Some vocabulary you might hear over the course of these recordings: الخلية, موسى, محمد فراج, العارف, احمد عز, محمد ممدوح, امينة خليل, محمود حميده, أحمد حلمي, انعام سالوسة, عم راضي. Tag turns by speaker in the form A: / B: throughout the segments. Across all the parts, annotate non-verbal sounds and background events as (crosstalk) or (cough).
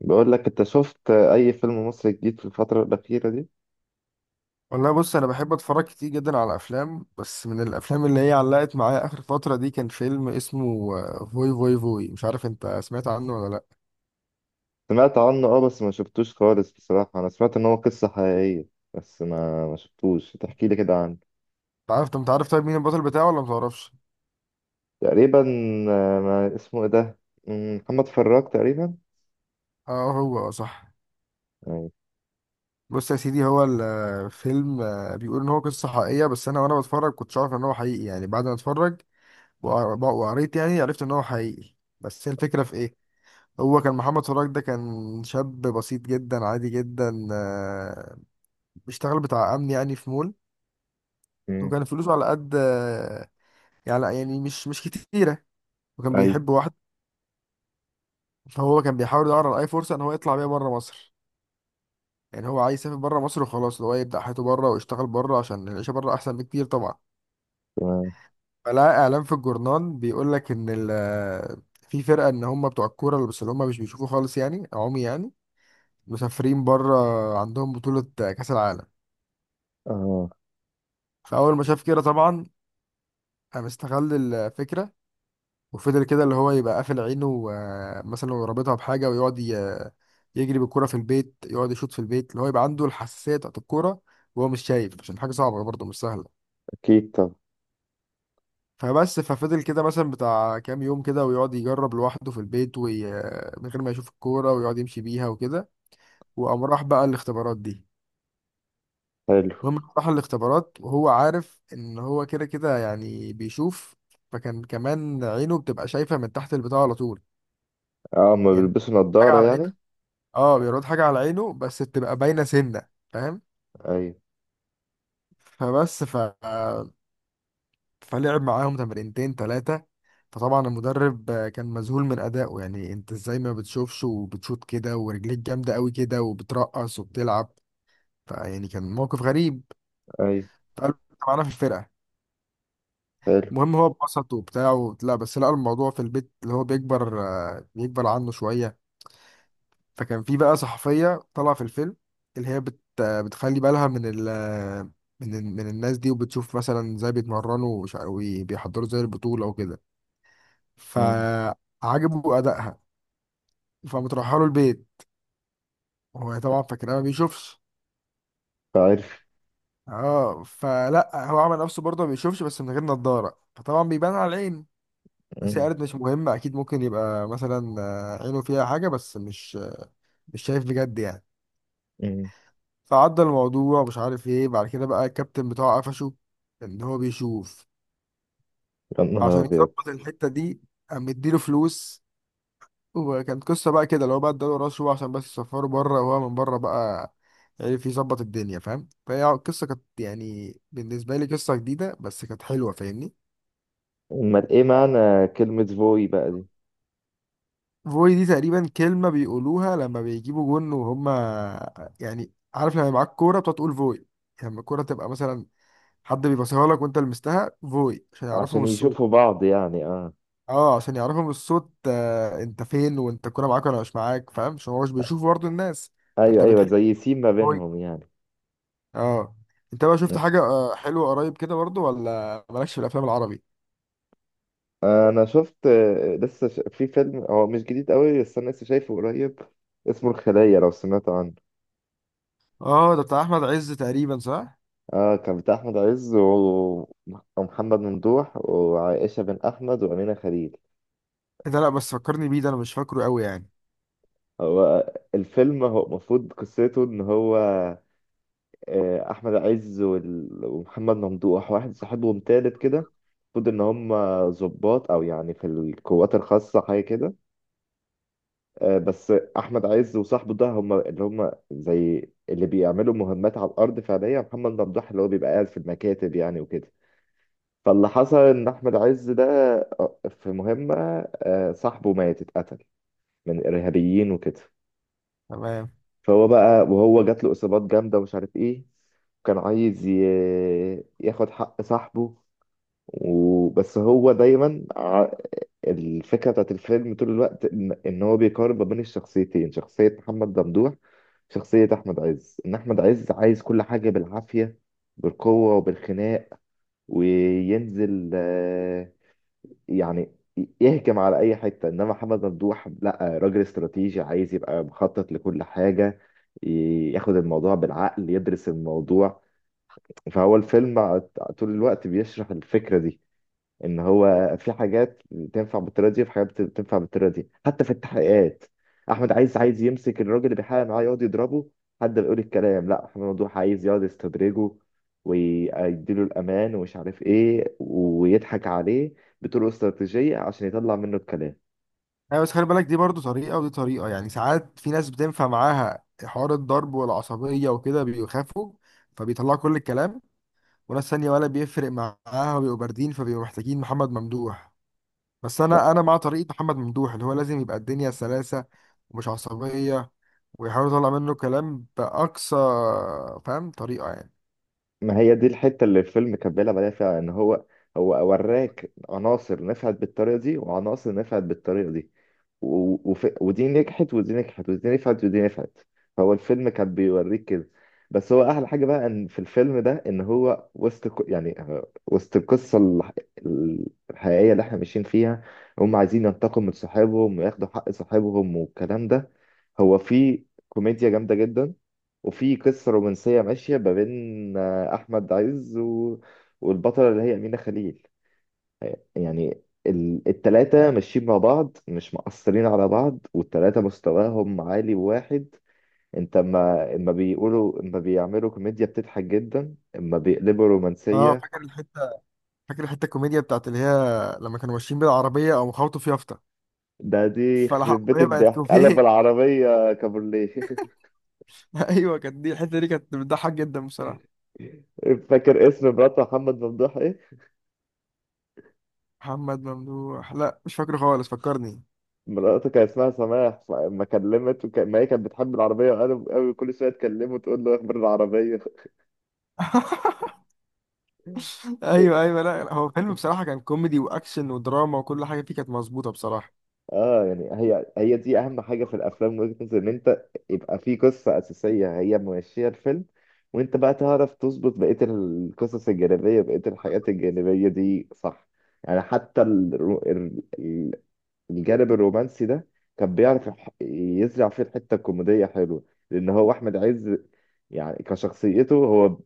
A: بقول لك انت شفت اي فيلم مصري جديد في الفترة الأخيرة دي؟
B: والله بص انا بحب اتفرج كتير جدا على افلام، بس من الافلام اللي هي علقت معايا اخر فتره دي كان فيلم اسمه فوي فوي فوي. مش عارف انت سمعت عنه ولا لا؟
A: سمعت عنه اه، بس ما شفتوش خالص. بصراحة انا سمعت ان هو قصة حقيقية، بس ما شفتوش. تحكي لي كده عنه؟
B: انت عارف طيب مين البطل بتاعه ولا متعرفش؟
A: تقريبا. ما اسمه ايه ده؟ محمد فراج تقريبا.
B: اه هو اه صح.
A: ايوه.
B: بص يا سيدي، هو الفيلم بيقول ان هو قصه حقيقيه، بس انا وانا بتفرج كنتش عارف ان هو حقيقي يعني. بعد ما اتفرج وقريت يعني عرفت ان هو حقيقي. بس هي الفكره في ايه؟ هو كان محمد فراج ده كان شاب بسيط جدا عادي جدا. بيشتغل بتاع امن يعني في مول.
A: مم،
B: وكان فلوسه على قد يعني، يعني مش كتيرة. وكان
A: ايوه.
B: بيحب واحد. فهو كان بيحاول يدور على أي فرصة إن هو يطلع بيها بره مصر. يعني هو عايز يسافر بره مصر وخلاص، اللي هو يبدأ حياته بره ويشتغل بره عشان العيشة بره أحسن بكتير طبعا.
A: تمام.
B: فلقى إعلان في الجورنال بيقول لك إن في فرقة إن هم بتوع الكورة اللي بس اللي هم مش بيشوفوا خالص، يعني عمي يعني، مسافرين بره، عندهم بطولة كأس العالم.
A: اه.
B: فأول ما شاف كده طبعا قام استغل الفكرة، وفضل كده اللي هو يبقى قافل عينه مثلا لو رابطها بحاجة، ويقعد يجري بالكرة في البيت، يقعد يشوط في البيت اللي هو يبقى عنده الحساسية بتاعت الكورة وهو مش شايف، عشان حاجة صعبة برضه مش سهلة.
A: اكيد، طب.
B: فبس ففضل كده مثلا بتاع كام يوم كده ويقعد يجرب لوحده في البيت من غير ما يشوف الكورة، ويقعد يمشي بيها وكده. وقام راح بقى الاختبارات دي.
A: حلو.
B: المهم راح الاختبارات وهو عارف ان هو كده كده يعني بيشوف. فكان كمان عينه بتبقى شايفة من تحت البتاع على طول.
A: اه، هما
B: يعني
A: بيلبسوا
B: حاجة
A: نظارة
B: على
A: يعني.
B: عينه. اه بيرد حاجة على عينه بس بتبقى باينة سنة. فاهم؟
A: ايوه
B: فبس ف... فلعب معاهم تمرينتين تلاتة. فطبعا المدرب كان مذهول من أدائه، يعني انت ازاي ما بتشوفش وبتشوط كده، ورجليك جامدة قوي كده وبترقص وبتلعب. فيعني كان موقف غريب.
A: ايوه.
B: فقال له انت معانا في الفرقة.
A: حلو.
B: المهم هو اتبسط وبتاع لا، بس لقى الموضوع في البيت اللي هو بيكبر، بيكبر عنه شوية. فكان في بقى صحفية طالعة في الفيلم اللي هي بتخلي بالها من من الناس دي، وبتشوف مثلا ازاي بيتمرنوا وبيحضروا زي البطولة وكده.
A: مم،
B: فعجبه أدائها. فمتروحة له البيت. هو طبعا فاكرها ما بيشوفش.
A: عارف.
B: اه فلا هو عمل نفسه برضه ما بيشوفش، بس من غير نظارة فطبعا بيبان على العين. بس هي
A: مم،
B: قالت مش مهم، اكيد ممكن يبقى مثلا عينه فيها حاجة بس مش مش شايف بجد يعني.
A: مم.
B: فعدى الموضوع مش عارف ايه، بعد كده بقى الكابتن بتاعه قفشه ان هو بيشوف.
A: يا نهار
B: عشان
A: ابيض.
B: يظبط الحتة دي قام مديله فلوس. وكانت قصة بقى كده اللي هو بقى اداله رشوة عشان بس يسفره بره، وهو من بره بقى عرف يظبط الدنيا. فاهم؟ فهي القصة كانت يعني بالنسبة لي قصة جديدة بس كانت حلوة، فاهمني؟
A: امال ايه معنى كلمة فوي بقى دي؟
B: فوي دي تقريبا كلمة بيقولوها لما بيجيبوا جون، وهما يعني عارف، لما معاك كورة بتقعد تقول فوي. يعني لما الكورة تبقى مثلا حد بيبصيها لك وانت لمستها فوي عشان يعرفهم
A: عشان
B: الصوت.
A: يشوفوا بعض يعني، اه.
B: اه عشان يعرفوا من الصوت انت فين، وانت الكوره معاك ولا مش معاك. فاهم؟ عشان هو مش بيشوف برضه الناس. فانت
A: ايوه ايوه،
B: بتحس.
A: زي سيم ما
B: هو
A: بينهم يعني.
B: اه. انت بقى شفت حاجه حلوه قريب كده برضه، ولا مالكش في الافلام العربي؟
A: انا شفت، في فيلم هو مش جديد قوي، بس انا لسه شايفه قريب. اسمه الخلية، لو سمعت عنه.
B: اه ده بتاع احمد عز تقريبا صح.
A: اه، كان بتاع احمد عز ومحمد ممدوح وعائشة بن احمد وامينة خليل.
B: إيه ده؟ لا بس فكرني بيه، ده انا مش فاكره قوي يعني.
A: هو الفيلم هو المفروض قصته ان هو احمد عز ومحمد ممدوح واحد صاحبهم تالت كده. المفروض ان هم ضباط او يعني في القوات الخاصة حاجة كده. بس احمد عز وصاحبه ده هم اللي هم زي اللي بيعملوا مهمات على الارض فعليا. محمد ممدوح اللي هو بيبقى قاعد في المكاتب يعني وكده. فاللي حصل ان احمد عز ده في مهمه صاحبه مات، اتقتل من ارهابيين وكده.
B: تمام.
A: فهو بقى وهو جات له اصابات جامده ومش عارف ايه. كان عايز ياخد حق صاحبه. وبس هو دايما الفكرة بتاعت الفيلم طول الوقت إن هو بيقارن ما بين الشخصيتين، شخصية محمد ممدوح، شخصية أحمد عز. إن أحمد عز عايز كل حاجة بالعافية، بالقوة وبالخناق، وينزل يعني يهجم على أي حتة. إنما محمد ممدوح لأ، راجل استراتيجي عايز يبقى مخطط لكل حاجة، ياخد الموضوع بالعقل، يدرس الموضوع. فهو الفيلم طول الوقت بيشرح الفكرة دي، ان هو في حاجات تنفع بالطريقه دي وفي حاجات تنفع بالطريقه دي، حتى في التحقيقات. احمد عايز يمسك الراجل اللي بيحقق معاه يقعد يضربه حد بيقول الكلام. لا، احمد ممدوح عايز يقعد يستدرجه ويديله الامان ومش عارف ايه، ويضحك عليه بطرق استراتيجيه عشان يطلع منه الكلام.
B: ايوه بس خلي بالك، دي برضه طريقه ودي طريقه. يعني ساعات في ناس بتنفع معاها حوار الضرب والعصبيه وكده، بيخافوا فبيطلعوا كل الكلام. وناس تانية ولا بيفرق معاها وبيبقوا باردين، فبيبقوا محتاجين محمد ممدوح. بس
A: ما,
B: انا مع طريقه محمد ممدوح، اللي هو لازم يبقى الدنيا سلاسه ومش عصبيه، ويحاول يطلع منه كلام باقصى، فاهم، طريقه يعني.
A: ما هي دي الحته اللي الفيلم كان بيلعب عليها فيها، ان هو هو وراك عناصر نفعت بالطريقه دي وعناصر نفعت بالطريقه دي. ودي نجحت ودي نجحت، ودي نفعت ودي نفعت. هو الفيلم كان بيوريك كده. بس هو احلى حاجه بقى ان في الفيلم ده ان هو وسط يعني وسط القصه الحقيقيه اللي احنا ماشيين فيها، هم عايزين ينتقموا من صحابهم وياخدوا حق صحابهم والكلام ده، هو في كوميديا جامده جدا، وفي قصه رومانسيه ماشيه ما بين احمد عز والبطله اللي هي امينه خليل. يعني التلاتة ماشيين مع بعض، مش مقصرين على بعض، والتلاتة مستواهم عالي واحد. انت اما بيقولوا، اما بيعملوا كوميديا بتضحك جدا، اما بيقلبوا
B: اه
A: رومانسية.
B: فاكر الحته. فاكر الحته الكوميديا بتاعت اللي هي لما كانوا ماشيين بالعربيه او خبطوا في يافطه،
A: ده دي يخرب بيت
B: فالعربيه بقت
A: الضحك، قلب
B: كوميديا.
A: العربية كابورليه. (laughs)
B: (laughs) ايوه كانت دي، الحته دي كانت بتضحك جدا بصراحه.
A: فاكر اسم مرات محمد ممدوح ايه؟
B: محمد ممدوح لا مش فاكره خالص، فكرني.
A: مراته كان اسمها سماح، فلما كلمت ما هي كانت بتحب العربية قوي قوي، كل شوية تكلمه تقول له اخبار العربية.
B: (laughs) ايوه ايوه، لا هو فيلم بصراحه كان كوميدي واكشن ودراما، وكل حاجه فيه كانت مظبوطه بصراحه.
A: اه، يعني هي دي اهم حاجه في الافلام من وجهه نظري، ان انت يبقى في قصه اساسيه هي ماشيه الفيلم، وانت بقى تعرف تظبط بقيه القصص الجانبيه، بقيه الحاجات الجانبيه دي، صح؟ يعني حتى الجانب الرومانسي ده كان بيعرف يزرع فيه الحته الكوميديه حلوه. لان هو احمد عز يعني كشخصيته هو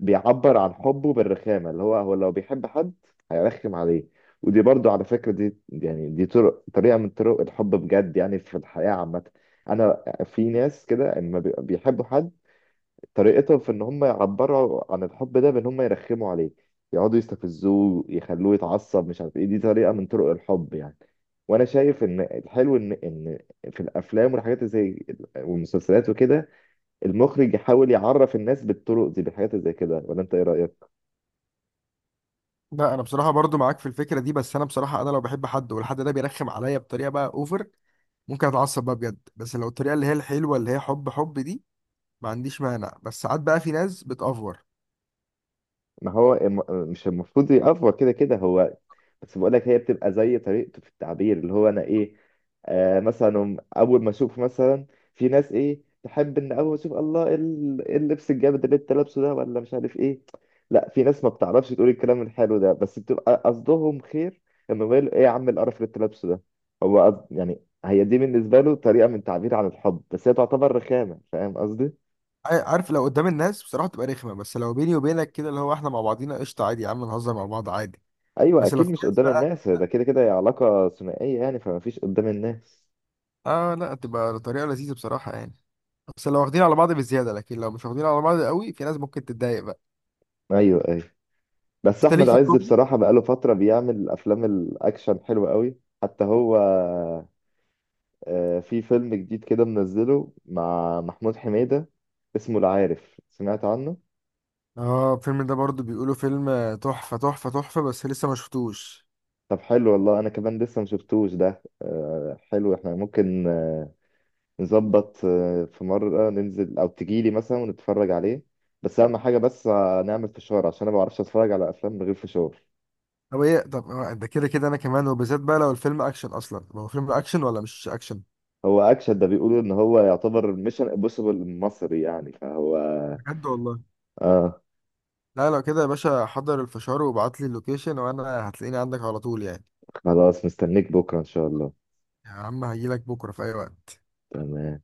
A: بيعبر عن حبه بالرخامة، اللي هو هو لو بيحب حد هيرخم عليه. ودي برضو على فكرة، دي يعني دي طريقة من طرق الحب بجد يعني في الحياة عامة. أنا في ناس كده لما بيحبوا حد، طريقتهم في إن هم يعبروا عن الحب ده بإن هم يرخموا عليه، يقعدوا يستفزوه، يخلوه يتعصب مش عارف إيه. دي طريقة من طرق الحب يعني. وأنا شايف إن الحلو إن في الأفلام والحاجات اللي زي والمسلسلات وكده، المخرج يحاول يعرف الناس بالطرق دي، بالحاجات اللي زي كده. ولا أنت إيه رأيك؟
B: لا انا بصراحه برضو معاك في الفكره دي، بس انا بصراحه انا لو بحب حد والحد ده بيرخم عليا بطريقه بقى اوفر ممكن اتعصب بقى بجد. بس لو الطريقه اللي هي الحلوه اللي هي حب حب دي، ما عنديش مانع. بس ساعات بقى في ناس بتأفور.
A: ما هو الم- مش المفروض يأفور كده كده هو؟ بس بقول لك، هي بتبقى زي طريقته في التعبير، اللي هو انا ايه، آه، مثلا اول ما اشوف مثلا في ناس ايه تحب ان اول ما اشوف: الله، اللبس الجامد اللي انت لابسه ده، ولا مش عارف ايه. لا، في ناس ما بتعرفش تقول الكلام الحلو ده، بس بتبقى قصدهم خير. انه يقول: ايه يا عم القرف اللي انت لابسه ده؟ هو يعني هي دي بالنسبه له طريقه من تعبير عن الحب، بس هي تعتبر رخامه. فاهم قصدي؟
B: عارف لو قدام الناس بصراحه تبقى رخمه، بس لو بيني وبينك كده اللي هو احنا مع بعضينا قشطه عادي، يا عم نهزر مع بعض عادي.
A: ايوه
B: بس لو
A: اكيد،
B: في
A: مش
B: ناس
A: قدام
B: بقى.
A: الناس، ده كده كده هي علاقه ثنائيه يعني، فما فيش قدام الناس.
B: اه لا تبقى طريقه لذيذه بصراحه يعني، بس لو واخدين على بعض بزياده. لكن لو مش واخدين على بعض قوي في ناس ممكن تتضايق بقى.
A: ايوه ايوه. بس
B: انت ليك
A: احمد
B: في
A: عز
B: الكوميدي؟
A: بصراحه بقاله فتره بيعمل افلام الاكشن حلوه قوي. حتى هو في فيلم جديد كده منزله مع محمود حميده، اسمه العارف، سمعت عنه؟
B: اه الفيلم ده برضو بيقولوا فيلم تحفة تحفة تحفة، بس لسه ما شفتوش.
A: طب حلو والله، انا كمان لسه ما شفتوش ده. حلو، احنا ممكن نظبط في مره ننزل او تجيلي مثلا ونتفرج عليه. بس اهم حاجه بس نعمل فشار، عشان انا ما بعرفش اتفرج على افلام من غير فشار.
B: طب ايه، طب ده كده كده انا كمان، وبالذات بقى لو الفيلم اكشن اصلا. طب هو فيلم اكشن ولا مش اكشن؟
A: هو اكشن، ده بيقولوا ان هو يعتبر ميشن امبوسيبل المصري يعني، فهو
B: بجد والله؟
A: اه.
B: لا لو كده يا باشا حضر الفشار وابعت لي اللوكيشن وانا هتلاقيني عندك على طول يعني.
A: خلاص، مستنيك بكره ان شاء الله.
B: يا عم هجيلك بكرة في اي وقت.
A: تمام.